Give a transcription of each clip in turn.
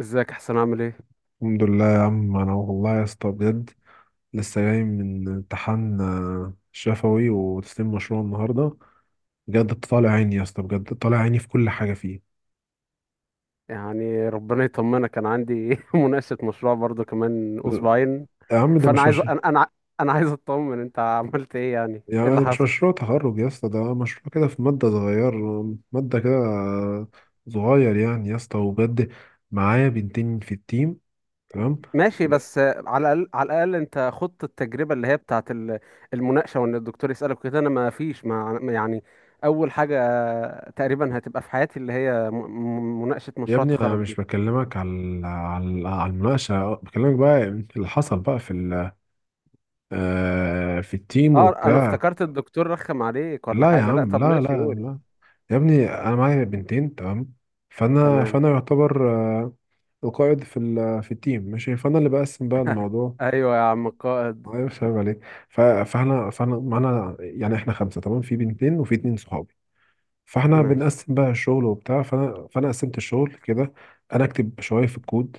ازيك؟ احسن؟ عامل ايه؟ الحمد لله يا عم، انا والله يا اسطى بجد لسه جاي من امتحان شفوي وتسليم مشروع النهارده. بجد طالع عيني يا اسطى، بجد طالع عيني في كل حاجه فيه. يعني ربنا يطمنك. انا عندي مناقشة مشروع برضو كمان اسبوعين. يا عم ده فانا مش عايز، مش انا عايز اطمن انت عملت ايه. يعني يا ايه عم اللي ده مش حصل؟ مشروع تخرج يا اسطى، ده مشروع كده في ماده صغير. ماده كده، صغير يعني يا اسطى وبجد. معايا بنتين في التيم. تمام. ماشي، بس على الاقل على الاقل انت خضت التجربة اللي هي بتاعت المناقشة، وان الدكتور يسألك كده. انا ما فيش، ما يعني اول حاجة تقريبا هتبقى في حياتي اللي هي مناقشة يا مشروع ابني انا التخرج دي. مش بكلمك على المناقشه، بكلمك بقى اللي حصل بقى في ال- آه، في التيم اه، انا وبتاع. افتكرت الدكتور رخم عليك ولا لا يا حاجة. لا عم، طب لا ماشي، لا قول. لا. يا ابني انا معايا بنتين، تمام. فانا تمام. فانا يعتبر آه، القائد في التيم، ماشي، فانا اللي بقسم بقى الموضوع. ايوه يا عم القائد. ايوه فاهم عليك. فاحنا معانا يعني احنا خمسه، تمام، في بنتين وفي اتنين صحابي. فاحنا ماشي. بنقسم بقى الشغل وبتاع، فانا قسمت الشغل كده. انا اكتب شويه في الكود،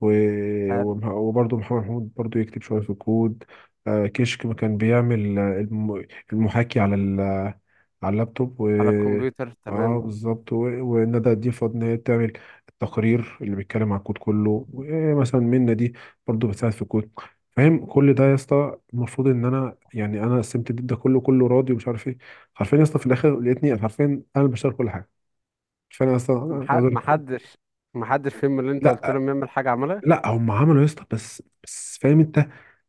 وبرضه محمد محمود برضه يكتب شوية في الكود. كشك ما كان بيعمل المحاكي على اللابتوب. و على الكمبيوتر، اه تمام. بالظبط. وندى دي فاضل ان هي تعمل التقرير اللي بيتكلم على الكود كله، ومثلا منى دي برضه بتساعد في الكود. فاهم كل ده يا اسطى، المفروض ان انا يعني انا قسمت ده كله، كله راضي ومش عارف ايه. حرفيا يا اسطى في الاخر لقيتني حرفيا انا اللي بشتغل كل حاجه. فانا اصلا أنا مح- عايز أقول لك. محدش محدش فيهم اللي انت قلت لا. لهم يعمل حاجة عملها؟ لا هم عملوا يا اسطى، بس فاهم انت،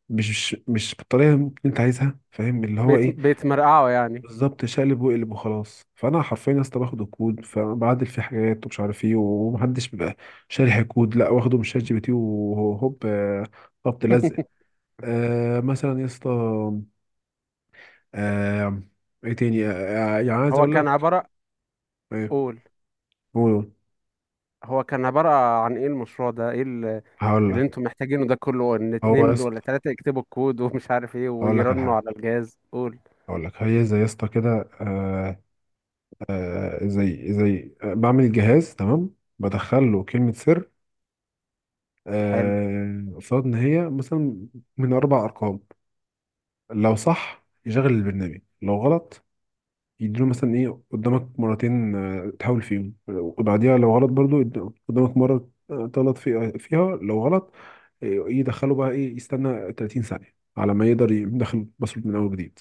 مش بالطريقه اللي انت عايزها، فاهم اللي هو ايه. بيتمرقعوا يعني. بالظبط، شقلب وقلب وخلاص. فانا حرفيا يا اسطى باخد الكود فبعدل فيه حاجات ومش عارف ايه، ومحدش بيبقى شارح الكود، لا واخده من شات جي بي تي وهوب خبط لزق. مثلا يا اسطى. آه ايه تاني؟ يعني عايز هو اقول كان لك. عبارة ايه؟ قول. قول قول. هو كان عبارة عن ايه المشروع ده؟ ايه هقول اللي لك انتوا محتاجينه ده كله؟ ان هو يا اتنين دول اسطى، ولا تلاتة يكتبوا الكود ومش عارف ايه هقول لك على ويرنوا حاجه، على الجهاز؟ قول. هقول لك هي زي يا اسطى كده. زي بعمل جهاز، تمام، بدخل له كلمة سر، حلو. قصاد إن هي مثلا من أربع أرقام. لو صح يشغل البرنامج، لو غلط يديله مثلا إيه قدامك مرتين تحاول فيهم، وبعديها لو غلط برضو قدامك مرة تغلط فيها، لو غلط يدخله بقى إيه، يستنى 30 ثانية على ما يقدر يدخل باسورد من أول جديد.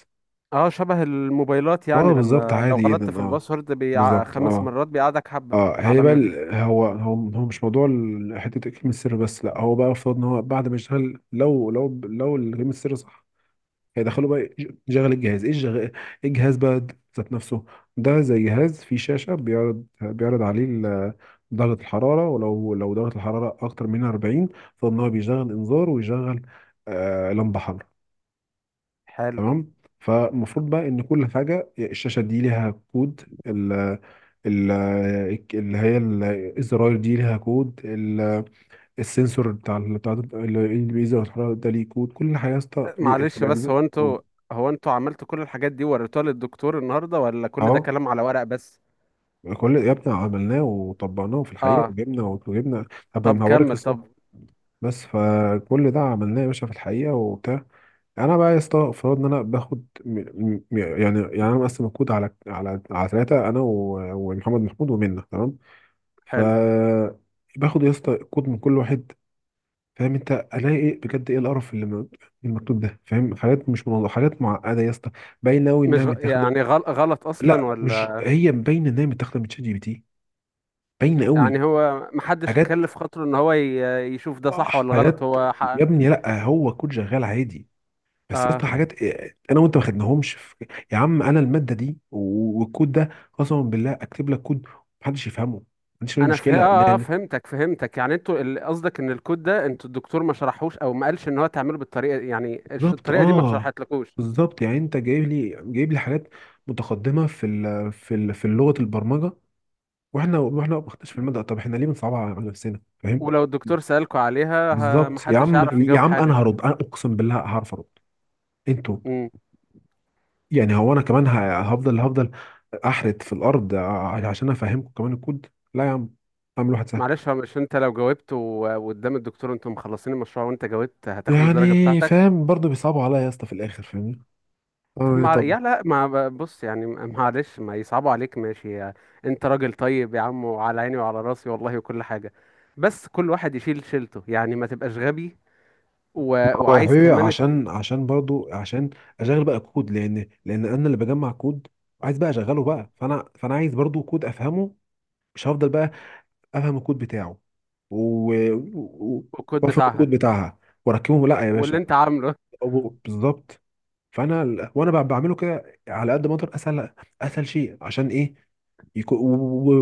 اه، شبه الموبايلات اه يعني، بالظبط، لما لو عادي غلطت جدا في اه، الباسورد بالظبط خمس اه. مرات بيقعدك حبة اه هي عبال بقى ما ال- تكتب. هو هو هو مش موضوع حته الجيم السر بس، لا هو بقى افترض ان هو بعد ما يشتغل لو الجيم السر صح، هيدخله بقى يشغل الجهاز، ايه الجغ- إيه الجهاز بقى ذات نفسه. ده زي جهاز فيه شاشه، بيعرض عليه درجه الحراره، ولو درجه الحراره اكتر من 40 فان هو بيشغل انذار، ويشغل لمبه حمراء. حلو. تمام. فالمفروض بقى ان كل حاجه الشاشه دي ليها كود، ال ال اللي هي الزراير دي ليها كود، السنسور بتاع اللي بيزر الحرارة ده ليه كود، كل حاجه يا اسطى ليه في معلش، بس الاجزاء. هو انتوا عملتوا كل الحاجات دي وريتوها للدكتور النهارده، ولا كل ده اه، كلام على ورق بس؟ كل يا ابني عملناه وطبقناه في الحقيقه، اه. وجبنا. هبقى طب هوريك كمل، الصور. طب. بس فكل ده عملناه يا باشا في الحقيقة وبتاع. انا بقى يا اسطى فرضنا ان انا باخد يعني انا مقسم الكود على ثلاثه، انا ومحمد محمود ومنة، تمام. ف حلو. باخد يا اسطى الكود من كل واحد، فاهم انت، الاقي ايه بجد، ايه القرف اللي المكتوب ده، فاهم؟ حاجات مش منظمه، حاجات معقده يا اسطى، باينه قوي انها مش غ- متاخده. يعني غلط اصلا لا، مش ولا؟ هي باينه انها متاخده من شات جي بي تي، باينه قوي. يعني هو محدش حاجات، كلف خاطره ان هو يشوف ده صح ولا غلط؟ حاجات. هو يا ابني لا هو كود شغال عادي، بس يا اه، اسطى حاجات انا وانت ما خدناهمش في... يا عم انا الماده دي والكود ده قسما بالله اكتب لك كود محدش يفهمه، ما عنديش اي انا فه... مشكله آه آه، لان... فهمتك فهمتك. يعني انتوا قصدك ان الكود ده انتوا الدكتور ما شرحوش، او ما قالش ان هو تعمله بالطريقه، يعني بالظبط الطريقه دي ما اه، اتشرحتلكوش. بالظبط. يعني انت جايب لي حاجات متقدمه في لغه البرمجه، واحنا ما خدناش في الماده، طب احنا ليه بنصعبها على نفسنا، فاهم؟ ولو الدكتور سألكوا عليها، بالظبط يا محدش عم. هيعرف يا يجاوب عم انا حاجه. هرد، انا اقسم بالله هعرف ارد انتوا. امم. يعني هو انا كمان هفضل احرت في الارض عشان افهمكم كمان الكود. لا يا عم، اعمل واحد سهل. معلش، هو مش انت لو جاوبت و- وقدام الدكتور انتوا مخلصين المشروع وانت جاوبت هتاخد الدرجة يعني بتاعتك؟ فاهم برضو بيصعبوا عليا يا اسطى في الاخر، فاهمني طب اعمل ايه ما طب؟ يا لا ما بص يعني، معلش ما يصعبوا عليك، ماشي. انت راجل طيب يا عم، وعلى عيني وعلى راسي والله، وكل حاجة. بس كل واحد يشيل شيلته يعني، ما تبقاش غبي. و... ما هو يا وعايز حبيبي كمان عشان عشان برضو عشان اشغل بقى كود، لان انا اللي بجمع كود، عايز بقى اشغله بقى. فانا عايز برضو كود افهمه، مش هفضل بقى افهم الكود بتاعه و... و... الكود وافهم بتاعها، الكود بتاعها واركبهم، لا يا واللي باشا. انت عامله. بالظبط. وانا بعمله كده على قد ما اقدر اسهل، اسهل شيء عشان ايه يكون،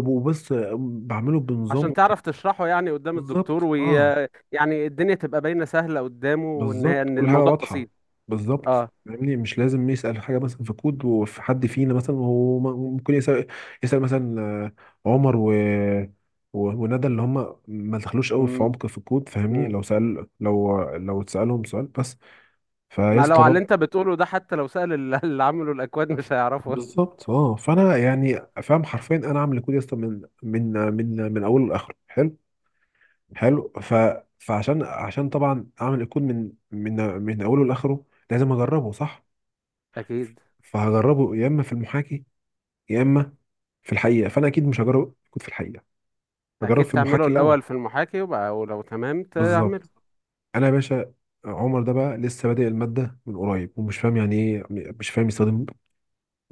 وبص بعمله بنظام عشان ومش عارف. تعرف تشرحه يعني قدام الدكتور بالظبط اه، يعني الدنيا تبقى باينة سهلة قدامه، وان بالظبط، ان كل حاجه الموضوع واضحه، بسيط. بالظبط. اه. فاهمني مش لازم يسال حاجه مثلا في كود، وفي حد فينا مثلا هو ممكن يسال، مثلا عمر وندى اللي هم ما دخلوش قوي في م- عمق في الكود، فاهمني م. لو سال، لو اتسالهم سؤال بس. ما لو على فيسطا اللي انت بتقوله ده، حتى لو سأل اللي عملوا الاكواد مش هيعرفوا. بالظبط اه، فانا يعني فاهم حرفيا انا اعمل الكود يا اسطى من اوله لاخره، حلو، حلو. فعشان طبعا اعمل الكود من اوله لاخره، لازم اجربه، صح؟ اكيد. فهجربه يا اما في المحاكي يا اما في الحقيقه، فانا اكيد مش هجرب الكود في الحقيقه، هجرب اكيد في تعمله المحاكي الاول الاول. في المحاكي، وبقى ولو تمام تعمله. بالظبط، انا يا باشا عمر ده بقى لسه بادئ الماده من قريب، ومش فاهم يعني ايه، مش فاهم يستخدم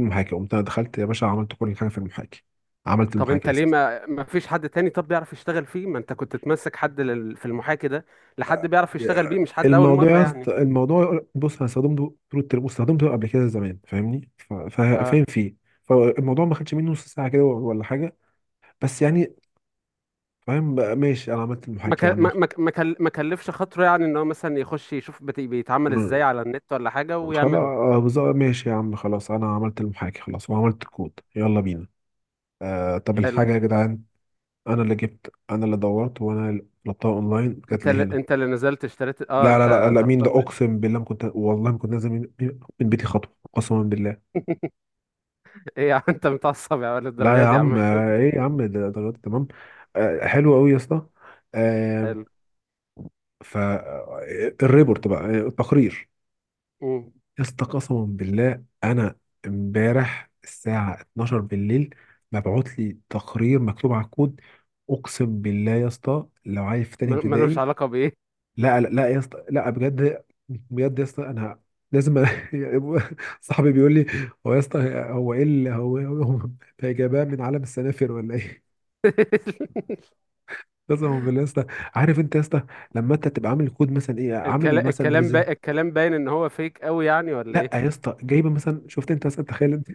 المحاكي، قمت انا دخلت يا باشا عملت كل حاجه في المحاكي، عملت طب انت المحاكي ليه اساسا. ما فيش حد تاني طب بيعرف يشتغل فيه؟ ما انت كنت تمسك حد في المحاكي ده، لحد بيعرف يشتغل يا بيه، مش حد اول الموضوع مرة يا اسطى- يعني. الموضوع بص، انا استخدمته طول الترم واستخدمته قبل كده زمان، فاهمني، اه. فاهم فيه. فالموضوع ما خدش مني نص ساعه كده ولا حاجه، بس يعني فاهم بقى. ماشي انا عملت ما المحاكي ك... يا عم. ما ما ما كل- ما كلفش خاطره يعني، ان هو مثلا يخش يشوف بيتعمل مم. ازاي على النت ولا حاجة خلاص، ويعمله؟ بالظبط، ماشي يا عم خلاص انا عملت المحاكي خلاص، وعملت الكود يلا بينا. طب حلو. الحاجه يا جدعان، انا اللي جبت، انا اللي دورت، وانا اللي طلبتها اونلاين جات لي هنا. انت اللي نزلت اشتريت؟ اه لا لا لا انت. لا، مين ده؟ طربان ليه؟ اقسم بالله ما كنت والله ما كنت نازل من بيتي خطوه، قسما بالله. ايه يا عم، انت متعصب يا ولد؟ لا يا الدرجات دي يا عم، عم حسين. ايه يا عم ده درجات تمام، حلو قوي يا اسطى. آه، حلو. ف آه، الريبورت بقى، التقرير، مم. يا اسطى قسما بالله انا امبارح الساعه 12 بالليل مبعوت لي تقرير مكتوب على الكود، اقسم بالله يا اسطى لو عايز في تاني ملوش ابتدائي. علاقة بإيه؟ لا لا لا يا اسطى لا، بجد، بجد يا اسطى انا لازم. صاحبي بيقول لي، هو يا اسطى هو ايه اللي هو هو جابها من عالم السنافر ولا ايه؟ قسما بالله يا اسطى. عارف انت يا اسطى لما انت تبقى عامل كود مثلا ايه، عامل مثلا بريزنت. الكلام باين ان هو فيك قوي يعني، ولا لا ايه؟ يا اسطى جايبه مثلا، شفت انت مثلا، تخيل انت،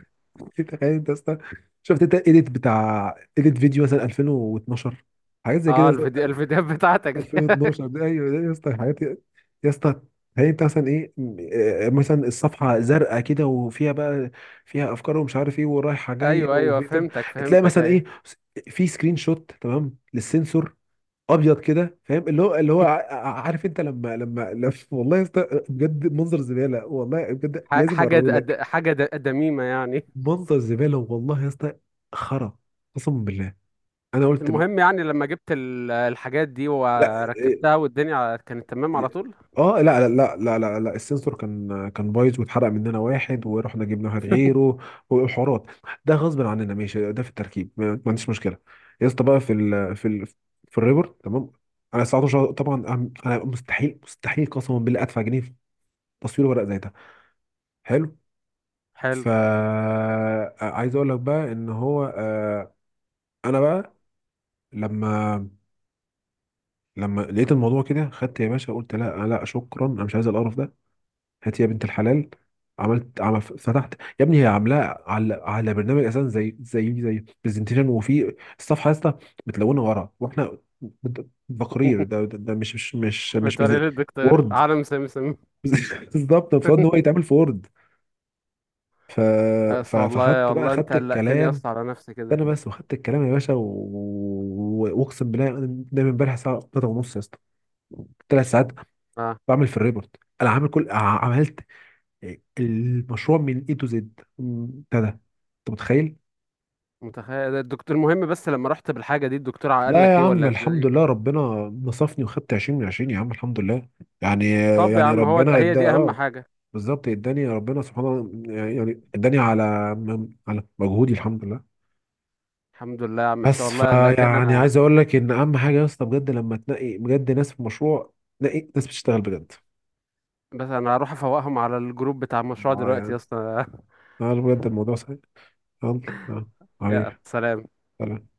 تخيل انت يا اسطى، شفت انت اديت فيديو مثلا 2012، حاجات زي كده اه، يا اسطى بتاعت الفيديوهات بتاعتك دي. 2012 ده، ايوه ده يا اسطى حاجات يا اسطى. هي انت مثلا ايه مثلا الصفحه زرقاء كده، وفيها بقى فيها افكار ومش عارف ايه ورايحه جايه، ايوه، ايوه، وفي فهمتك تلاقي فهمتك، مثلا ايوه. ايه في سكرين شوت تمام للسنسور ابيض كده، فاهم اللي هو اللي هو ع- ع- عارف انت والله يا اسطى بجد منظر زباله، والله بجد ح- لازم حاجة د... اوريهولك. د- حاجة د... دميمة يعني. منظر زباله والله يا اسطى، خرا، قسما بالله. انا قلت بقى المهم يعني، لما جبت الحاجات دي لا وركبتها، إيه- والدنيا كانت تمام على إيه. طول؟ اه لا لا لا لا لا، لا. السنسور كان بايظ، واتحرق مننا واحد ورحنا جبنا واحد غيره، والحوارات ده غصب عننا ماشي، ده في التركيب ما عنديش مشكله. يا اسطى بقى في الريبورت، تمام؟ انا 19 طبعا، انا مستحيل قسما بالله ادفع جنيه تصوير ورق زي ده. حلو. حلو. فا عايز اقول لك بقى ان هو، انا بقى لما لما لقيت الموضوع كده خدت يا باشا، قلت لا لا شكرا انا مش عايز القرف ده، هات يا بنت الحلال، عملت عمل فتحت. يا ابني هي عاملاه على برنامج اساسا زي برزنتيشن، وفي الصفحه يا اسطى متلونه ورا واحنا بت- تقرير ده مش بتوري للدكتور وورد. عالم سمسم؟ بالظبط المفروض ان هو يتعمل في وورد. ف... يا اسطى، والله فخدت بقى، والله انت خدت قلقتني يا الكلام اسطى على نفسي انا كده. بس، وخدت الكلام يا باشا واقسم بالله انا دايما امبارح الساعه 3 ونص يا اسطى، 3 ساعات اه، بعمل في الريبورت. انا عامل عملت المشروع من اي تو زد بتاع ده، انت متخيل. متخيل. الدكتور المهم، بس لما رحت بالحاجة دي الدكتور قال لا يا لك ايه عم ولا؟ الحمد لله، ربنا نصفني وخدت 20 من 20 يا عم، الحمد لله. يعني طب يا عم، هو ربنا ده، هي ادى دي اهم اه، حاجه. بالظبط اداني ربنا سبحانه، يعني اداني على مجهودي، الحمد لله. الحمد لله يا عم حسين، بس والله قلقتني فيعني انا. عايز اقول لك ان اهم حاجه يا اسطى بجد لما تنقي بجد ناس في مشروع، نقي ناس بتشتغل بجد. بس انا هروح افوقهم على الجروب بتاع المشروع اه دلوقتي يا يعني، اسطى. اه بجد الموضوع سهل. يلا، اه يا حبيبي، سلام. سلام.